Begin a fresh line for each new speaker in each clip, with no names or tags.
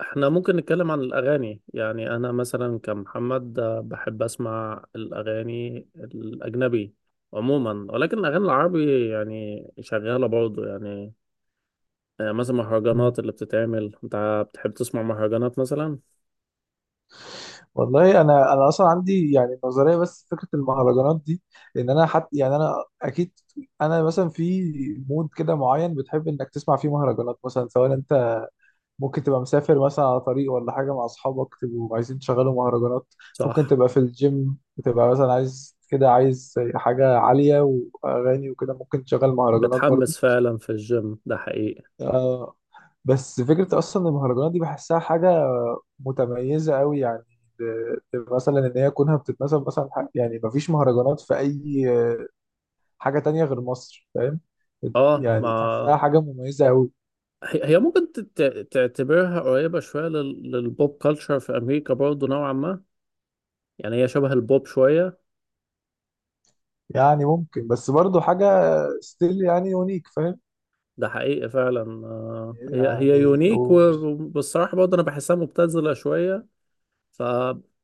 احنا ممكن نتكلم عن الأغاني. يعني أنا مثلا كمحمد، بحب أسمع الأغاني الأجنبي عموما، ولكن الأغاني العربي يعني شغالة برضه. يعني مثلا
مم.
مهرجانات اللي بتتعمل، أنت بتحب تسمع مهرجانات مثلا؟
والله انا اصلا عندي يعني نظريه بس فكره المهرجانات دي، ان انا حتى يعني انا، اكيد، انا مثلا في مود كده معين بتحب انك تسمع فيه مهرجانات. مثلا سواء انت ممكن تبقى مسافر مثلا على طريق ولا حاجه مع اصحابك، تبقوا عايزين تشغلوا مهرجانات. ممكن
صح.
تبقى في الجيم، بتبقى مثلا عايز كده، عايز حاجه عاليه واغاني وكده، ممكن تشغل مهرجانات برضو.
بتحمس فعلا في الجيم، ده حقيقي.
آه. بس فكرة أصلا المهرجانات دي بحسها حاجة متميزة أوي يعني. ب- مثلا إن هي كونها بتتناسب مثلا، يعني مفيش مهرجانات في أي حاجة تانية غير مصر، فاهم؟
اه ما
يعني تحسها حاجة مميزة أوي.
هي ممكن تعتبرها قريبة شوية للبوب كلتشر في أمريكا برضه نوعا ما. يعني هي شبه البوب شوية.
يعني ممكن، بس برضو حاجة ستيل، يعني يونيك، فاهم؟
ده حقيقي فعلا. هي
يعني
يونيك،
ومش...
وبالصراحة برضه أنا بحسها مبتذلة شوية. ف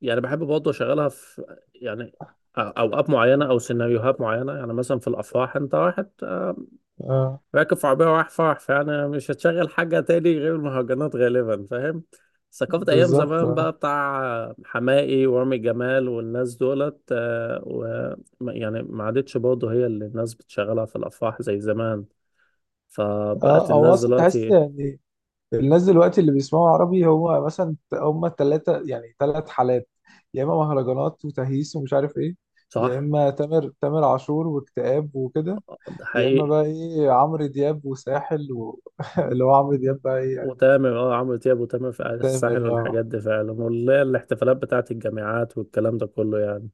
يعني بحب برضه أشغلها في، يعني، أوقات معينة أو سيناريوهات معينة. يعني مثلا في الأفراح، أنت واحد،
آه،
راكب في عربية ورايح فرح، فيعني مش هتشغل حاجة تاني غير المهرجانات غالبا، فاهم؟ ثقافة أيام
بالظبط،
زمان بقى
اه.
بتاع حماقي ورامي جمال والناس دولت، آه، و يعني ما عادتش برضه هي اللي الناس بتشغلها في الأفراح زي زمان. فبقت
آه، هو
الناس
أصلا تحس
دلوقتي
يعني الناس دلوقتي اللي بيسمعوا عربي هو مثلا هم التلاتة، يعني تلات حالات. يا اما مهرجانات وتهييس ومش عارف ايه، يا
صح.
اما تامر عاشور واكتئاب وكده،
ده
يا اما
حقيقي.
بقى ايه عمرو دياب وساحل و... اللي هو عمرو دياب بقى ايه يعني.
وتامر، اه، عمرو دياب وتامر في قعدة
تامر،
الساحل
اه،
والحاجات دي فعلا، واللي هي الاحتفالات بتاعت الجامعات والكلام ده كله يعني.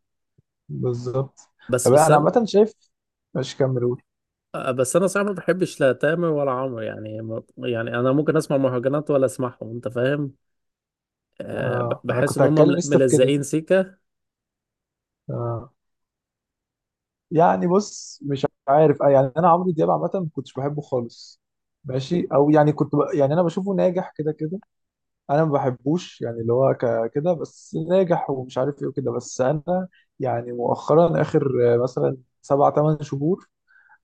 بالظبط.
بس
طب
بس
انا
انا،
عامة شايف، مش كاميرون.
بس انا صراحة ما بحبش لا تامر ولا عمرو. يعني يعني انا ممكن اسمع مهرجانات ولا اسمعهم، انت فاهم؟ أه،
آه، انا
بحس
كنت
ان هم
هتكلم لسه في كده.
ملزقين سيكة.
آه، يعني بص، مش عارف، آه، يعني انا عمرو دياب عامه ما كنتش بحبه خالص، ماشي، او يعني كنت يعني انا بشوفه ناجح كده كده. انا ما بحبوش يعني، اللي هو كده بس ناجح ومش عارف ايه وكده. بس انا يعني مؤخرا، اخر مثلا 7 8 شهور،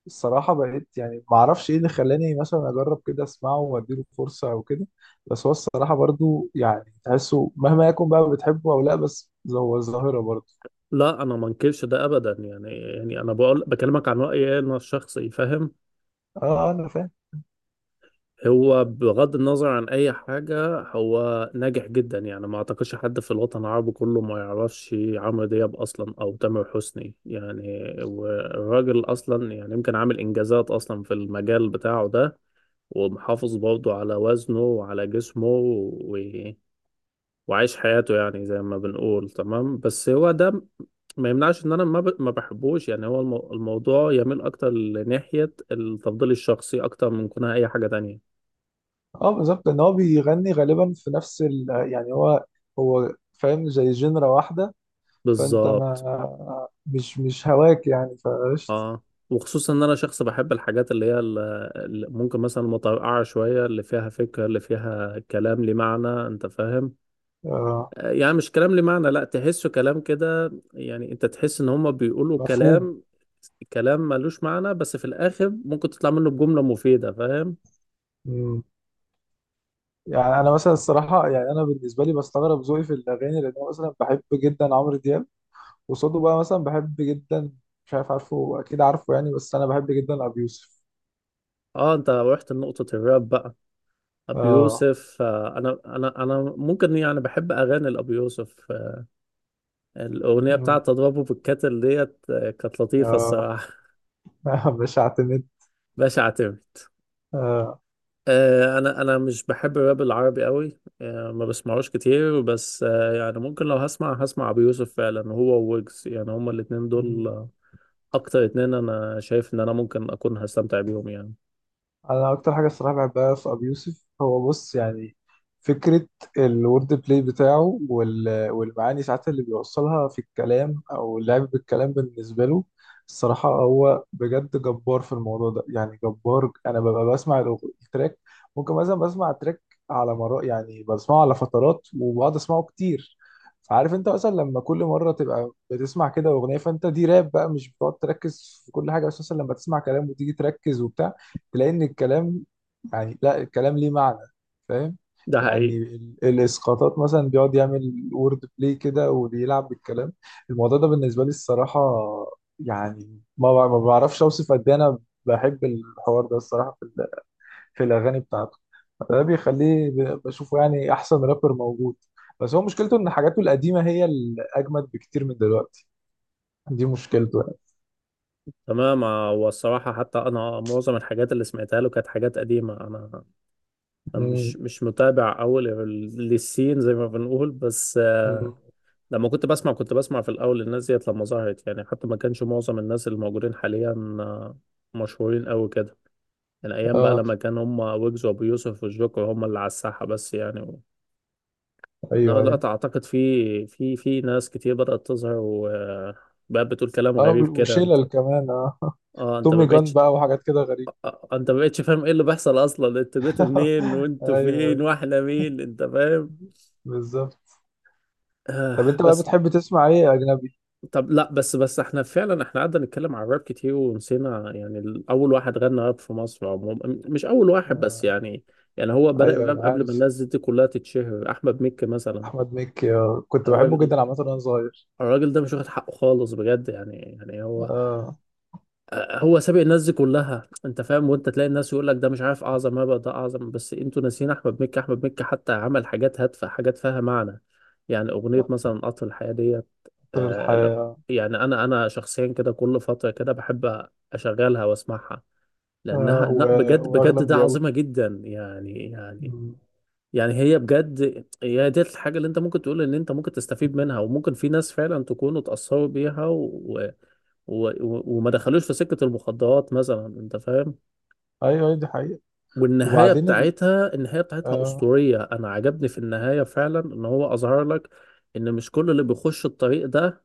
الصراحه بقيت يعني ما اعرفش ايه اللي خلاني مثلا اجرب كده اسمعه واديله فرصه او كده. بس هو الصراحه برضو يعني تحسه مهما يكون بقى، بتحبه او لا، بس هو ظاهره برضو.
لا انا ما انكرش ده ابدا. يعني يعني انا بقول بكلمك عن رأيي انا الشخصي، فاهم؟
اه انا فاهم.
هو بغض النظر عن اي حاجة، هو ناجح جدا. يعني ما اعتقدش حد في الوطن العربي كله ما يعرفش عمرو دياب اصلا او تامر حسني. يعني والراجل اصلا يعني يمكن عامل انجازات اصلا في المجال بتاعه ده، ومحافظ برضه على وزنه وعلى جسمه و... وعايش حياته يعني زي ما بنقول تمام. بس هو ده ما يمنعش ان انا ما بحبوش. يعني هو الموضوع يميل اكتر لناحية التفضيل الشخصي اكتر من كونها اي حاجة تانية.
اه بالظبط، ان هو بيغني غالبا في نفس ال... يعني هو، هو فاهم زي جنرا واحده. فانت
بالظبط
ما مش هواك يعني، فقشطة.
اه. وخصوصا ان انا شخص بحب الحاجات اللي هي اللي ممكن مثلا متوقعه شويه، اللي فيها فكره، اللي فيها كلام ليه معنى، انت فاهم؟
آه.
يعني مش كلام ليه معنى لا، تحسه كلام كده. يعني انت تحس ان هم بيقولوا
مفهوم.
كلام، كلام ملوش معنى، بس في الاخر ممكن تطلع منه بجمله مفيده، فاهم؟
مم. يعني انا مثلا الصراحه، يعني انا بالنسبه لي بستغرب ذوقي في الاغاني، لان انا مثلا بحب جدا عمرو دياب وصوته بقى مثلا بحب جدا. مش عارف، عارفه اكيد عارفه يعني، بس انا بحب جدا ابي يوسف.
اه انت رحت لنقطه الراب بقى. ابي
اه.
يوسف، انا ممكن يعني بحب اغاني لابي يوسف. الاغنيه
مم.
بتاعت اضربه بالكتل ديت، كانت لطيفه
اه.
الصراحه.
بشعت النت.
باشا اعتمد.
آه.
انا مش بحب الراب العربي قوي، ما بسمعوش كتير. بس يعني ممكن لو هسمع هسمع ابو يوسف فعلا، هو وويجز. يعني هما الاتنين دول اكتر اتنين انا شايف ان انا ممكن اكون هستمتع بيهم يعني.
انا اكتر حاجه الصراحه بحبها في ابي يوسف هو، بص يعني، فكره الورد بلاي بتاعه وال- والمعاني ساعات اللي بيوصلها في الكلام او اللعب بالكلام بالنسبه له. الصراحه هو بجد جبار في الموضوع ده يعني، جبار. انا ببقى بسمع التراك، ممكن مثلا بسمع تراك على مرات، يعني بسمعه على فترات وبقعد اسمعه كتير. فعارف انت مثلا لما كل مره تبقى بتسمع كده اغنيه، فانت دي راب بقى، مش بتقعد تركز في كل حاجه، بس مثلا لما تسمع كلام وتيجي تركز وبتاع تلاقي ان الكلام، يعني لا الكلام ليه معنى، فاهم؟
ده
يعني
حقيقي.
الاسقاطات مثلا بيقعد يعمل وورد بلاي كده وبيلعب بالكلام. الموضوع ده بالنسبه لي الصراحه، يعني ما بعرفش اوصف قد ايه انا بحب الحوار ده الصراحه في في الاغاني بتاعته. ده بيخليه بشوفه يعني احسن رابر موجود. بس هو مشكلته ان حاجاته القديمه هي الاجمد بكتير من دلوقتي، دي مشكلته يعني.
تمام. والصراحة حتى انا معظم الحاجات اللي سمعتها له كانت حاجات قديمة. انا أنا مش
امم
مش متابع اول للسين زي ما بنقول. بس
أمم.
لما كنت بسمع، كنت بسمع في الاول الناس ديت لما ظهرت. يعني حتى ما كانش معظم الناس اللي موجودين حاليا آه، مشهورين قوي كده، من ايام بقى
اه،
لما كان هم ويجز وابو يوسف والجوكر هم اللي على الساحه بس يعني و... انما
ايوه ايوه.
دلوقتي اعتقد في في ناس كتير بدات تظهر، وبقى بتقول كلام
اه
غريب كده. انت
وشلل كمان، اه،
اه، انت ما
تومي جان
بقتش،
بقى وحاجات كده غريبة.
انت ما بقتش فاهم ايه اللي بيحصل اصلا. انتوا جيتوا منين وانتوا
ايوه.
فين
أيوة،
واحنا مين، انت فاهم؟
بالظبط.
آه.
طب انت بقى
بس
بتحب تسمع ايه اجنبي؟
طب لا، بس احنا فعلا احنا قعدنا نتكلم عن الراب كتير ونسينا يعني اول واحد غنى راب في مصر عموما، مش اول واحد بس
آه.
يعني. يعني هو بدأ
ايوه.
الراب
أيوة،
قبل ما
عارف.
الناس دي كلها تتشهر، احمد مكي مثلا.
احمد مكي. آه. كنت بحبه
الراجل
جدا عامة وانا صغير.
الراجل ده مش واخد حقه خالص بجد. يعني يعني هو
آه.
هو سابق الناس دي كلها، انت فاهم؟ وانت تلاقي الناس يقول لك ده مش عارف اعظم هبه ده اعظم، بس انتوا ناسيين احمد مكي. احمد مكي حتى عمل حاجات هادفه، حاجات فيها معنى. يعني اغنيه مثلا قطر الحياه ديت.
قطر
آه لا،
الحياة.
يعني انا شخصيا كده كل فتره كده بحب اشغلها واسمعها، لانها
آه. و...
لا بجد
واغلى
بجد
من
ده
اليهود.
عظيمه جدا. يعني يعني
مم.
يعني هي بجد هي دي الحاجة اللي انت ممكن تقول ان انت ممكن تستفيد منها، وممكن في ناس فعلا تكونوا اتأثروا بيها، وما دخلوش في سكة المخدرات مثلا، انت فاهم؟
ايوه. أيوة، دي حقيقة.
والنهاية
وبعدين ال...
بتاعتها، النهاية بتاعتها
آه.
أسطورية. انا عجبني في النهاية فعلا ان هو اظهر لك ان مش كل اللي بيخش الطريق ده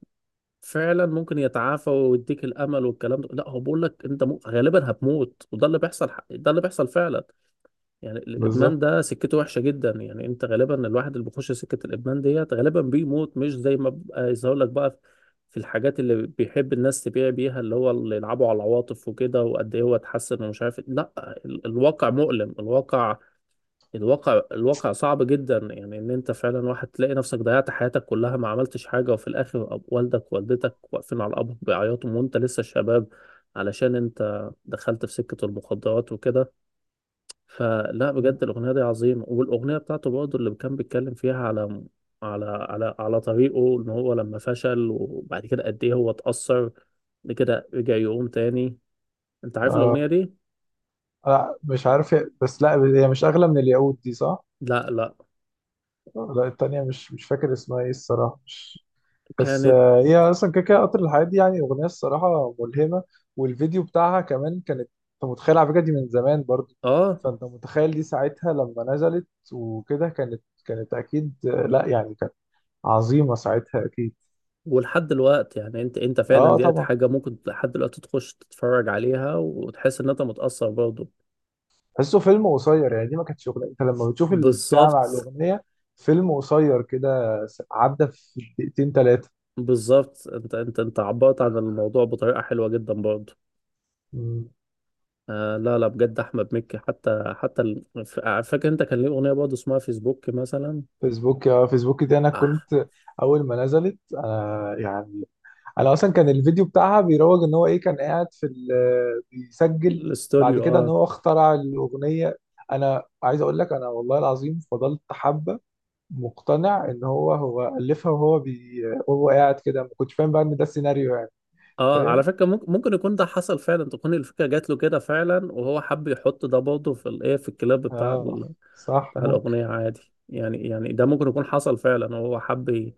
فعلا ممكن يتعافى ويديك الامل والكلام ده. لا، هو بيقول لك انت غالبا هتموت، وده اللي بيحصل، ده اللي بيحصل فعلا. يعني الادمان
بالظبط.
ده سكته وحشه جدا. يعني انت غالبا الواحد اللي بيخش سكه الادمان ديت غالبا بيموت، مش زي ما بقى يظهر لك بقى في الحاجات اللي بيحب الناس تبيع بيها، اللي هو اللي يلعبوا على العواطف وكده وقد ايه هو اتحسن ومش عارف إيه. لا، الواقع مؤلم. الواقع الواقع صعب جدا. يعني ان انت فعلا واحد تلاقي نفسك ضيعت حياتك كلها، ما عملتش حاجه، وفي الاخر والدك ووالدتك واقفين على الابر بيعيطوا وانت لسه شباب، علشان انت دخلت في سكه المخدرات وكده. فلا بجد
مم.
الأغنية دي عظيمة. والأغنية بتاعته برضه اللي كان بيتكلم فيها على طريقه إن هو لما فشل وبعد كده قد إيه هو اتأثر، بعد كده رجع يقوم تاني. أنت عارف الأغنية
آه.
دي؟
لا مش عارف، بس لا، هي مش اغلى من اليهود دي، صح؟
لا لا.
لا التانية، مش فاكر اسمها ايه الصراحة، مش... بس
كانت
آه، هي اصلا كده كده قطر الحياة دي يعني اغنية الصراحة ملهمة، والفيديو بتاعها كمان كانت. انت متخيل، على فكرة دي من زمان برضو.
آه.
فانت متخيل دي ساعتها لما نزلت وكده، كانت اكيد لا يعني كانت عظيمة ساعتها اكيد.
ولحد دلوقتي يعني أنت فعلا
اه
ديت
طبعا.
حاجة ممكن لحد دلوقتي تخش تتفرج عليها وتحس إن أنت متأثر برضه.
تحسه فيلم قصير يعني، دي ما كانتش اغنية، انت لما بتشوف البتاع مع
بالظبط.
الاغنية فيلم قصير كده، عدى في دقيقتين 3.
بالظبط أنت عبرت عن الموضوع بطريقة حلوة جدا برضه. آه لا لا، بجد احمد مكي، حتى فاكر انت كان ليه اغنيه برضه اسمها فيسبوك مثلا؟
فيسبوك يا فيسبوك دي انا
آه
كنت اول ما نزلت انا يعني، انا اصلا كان الفيديو بتاعها بيروج ان هو ايه، كان قاعد في بيسجل. بعد
الاستوديو
كده ان
اه.
هو اخترع الاغنيه. انا عايز اقول لك انا والله العظيم فضلت حبه، مقتنع ان هو الفها، وهو قاعد كده، ما كنتش فاهم بقى ان ده السيناريو يعني.
اه على
فاهم،
فكره ممكن ممكن يكون ده حصل فعلا، تكون الفكره جات له كده فعلا وهو حب يحط ده برضه في الايه، في الكلاب بتاع
اه، صح.
بتاع الاغنيه عادي. يعني يعني ده ممكن يكون حصل فعلا وهو حب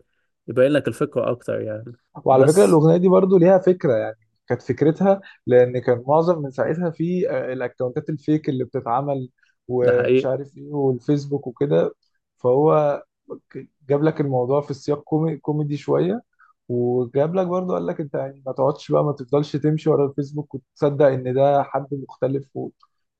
يبين لك الفكره اكتر يعني.
وعلى فكرة
بس
الأغنية دي برضو ليها فكرة يعني، كانت فكرتها، لأن كان معظم من ساعتها في الأكونتات الفيك اللي بتتعمل
ده
ومش
حقيقي.
عارف إيه، والفيسبوك وكده. فهو جاب لك الموضوع في سياق كوميدي شوية، وجاب لك برضو قال لك أنت يعني ما تقعدش بقى، ما تفضلش تمشي ورا الفيسبوك وتصدق إن ده حد مختلف و...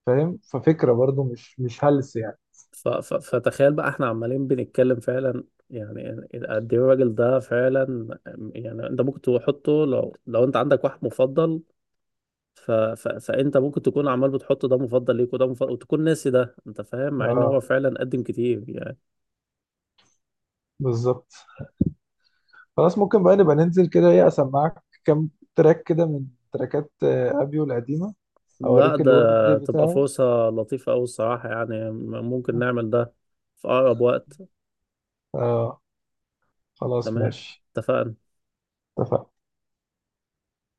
فاهم؟ ففكرة برضو مش هلس يعني.
فتخيل بقى احنا عمالين بنتكلم فعلا، يعني قد ايه الراجل ده فعلا. يعني انت ممكن تحطه لو، انت عندك واحد مفضل. ف ف فانت ممكن تكون عمال بتحط ده مفضل ليك وده مفضل، وتكون ناسي ده، انت فاهم؟ مع ان هو
اه
فعلا قدم كتير يعني.
بالظبط. خلاص ممكن بقى نبقى ننزل كده ايه، اسمعك كام تراك كده من تراكات ابيو القديمة،
لا
اوريك
ده
الورد بلاي
تبقى
بتاعه.
فرصة لطيفة قوي الصراحة. يعني ممكن نعمل ده في اقرب وقت.
اه خلاص
تمام.
ماشي.
اتفقنا.
اتفقنا.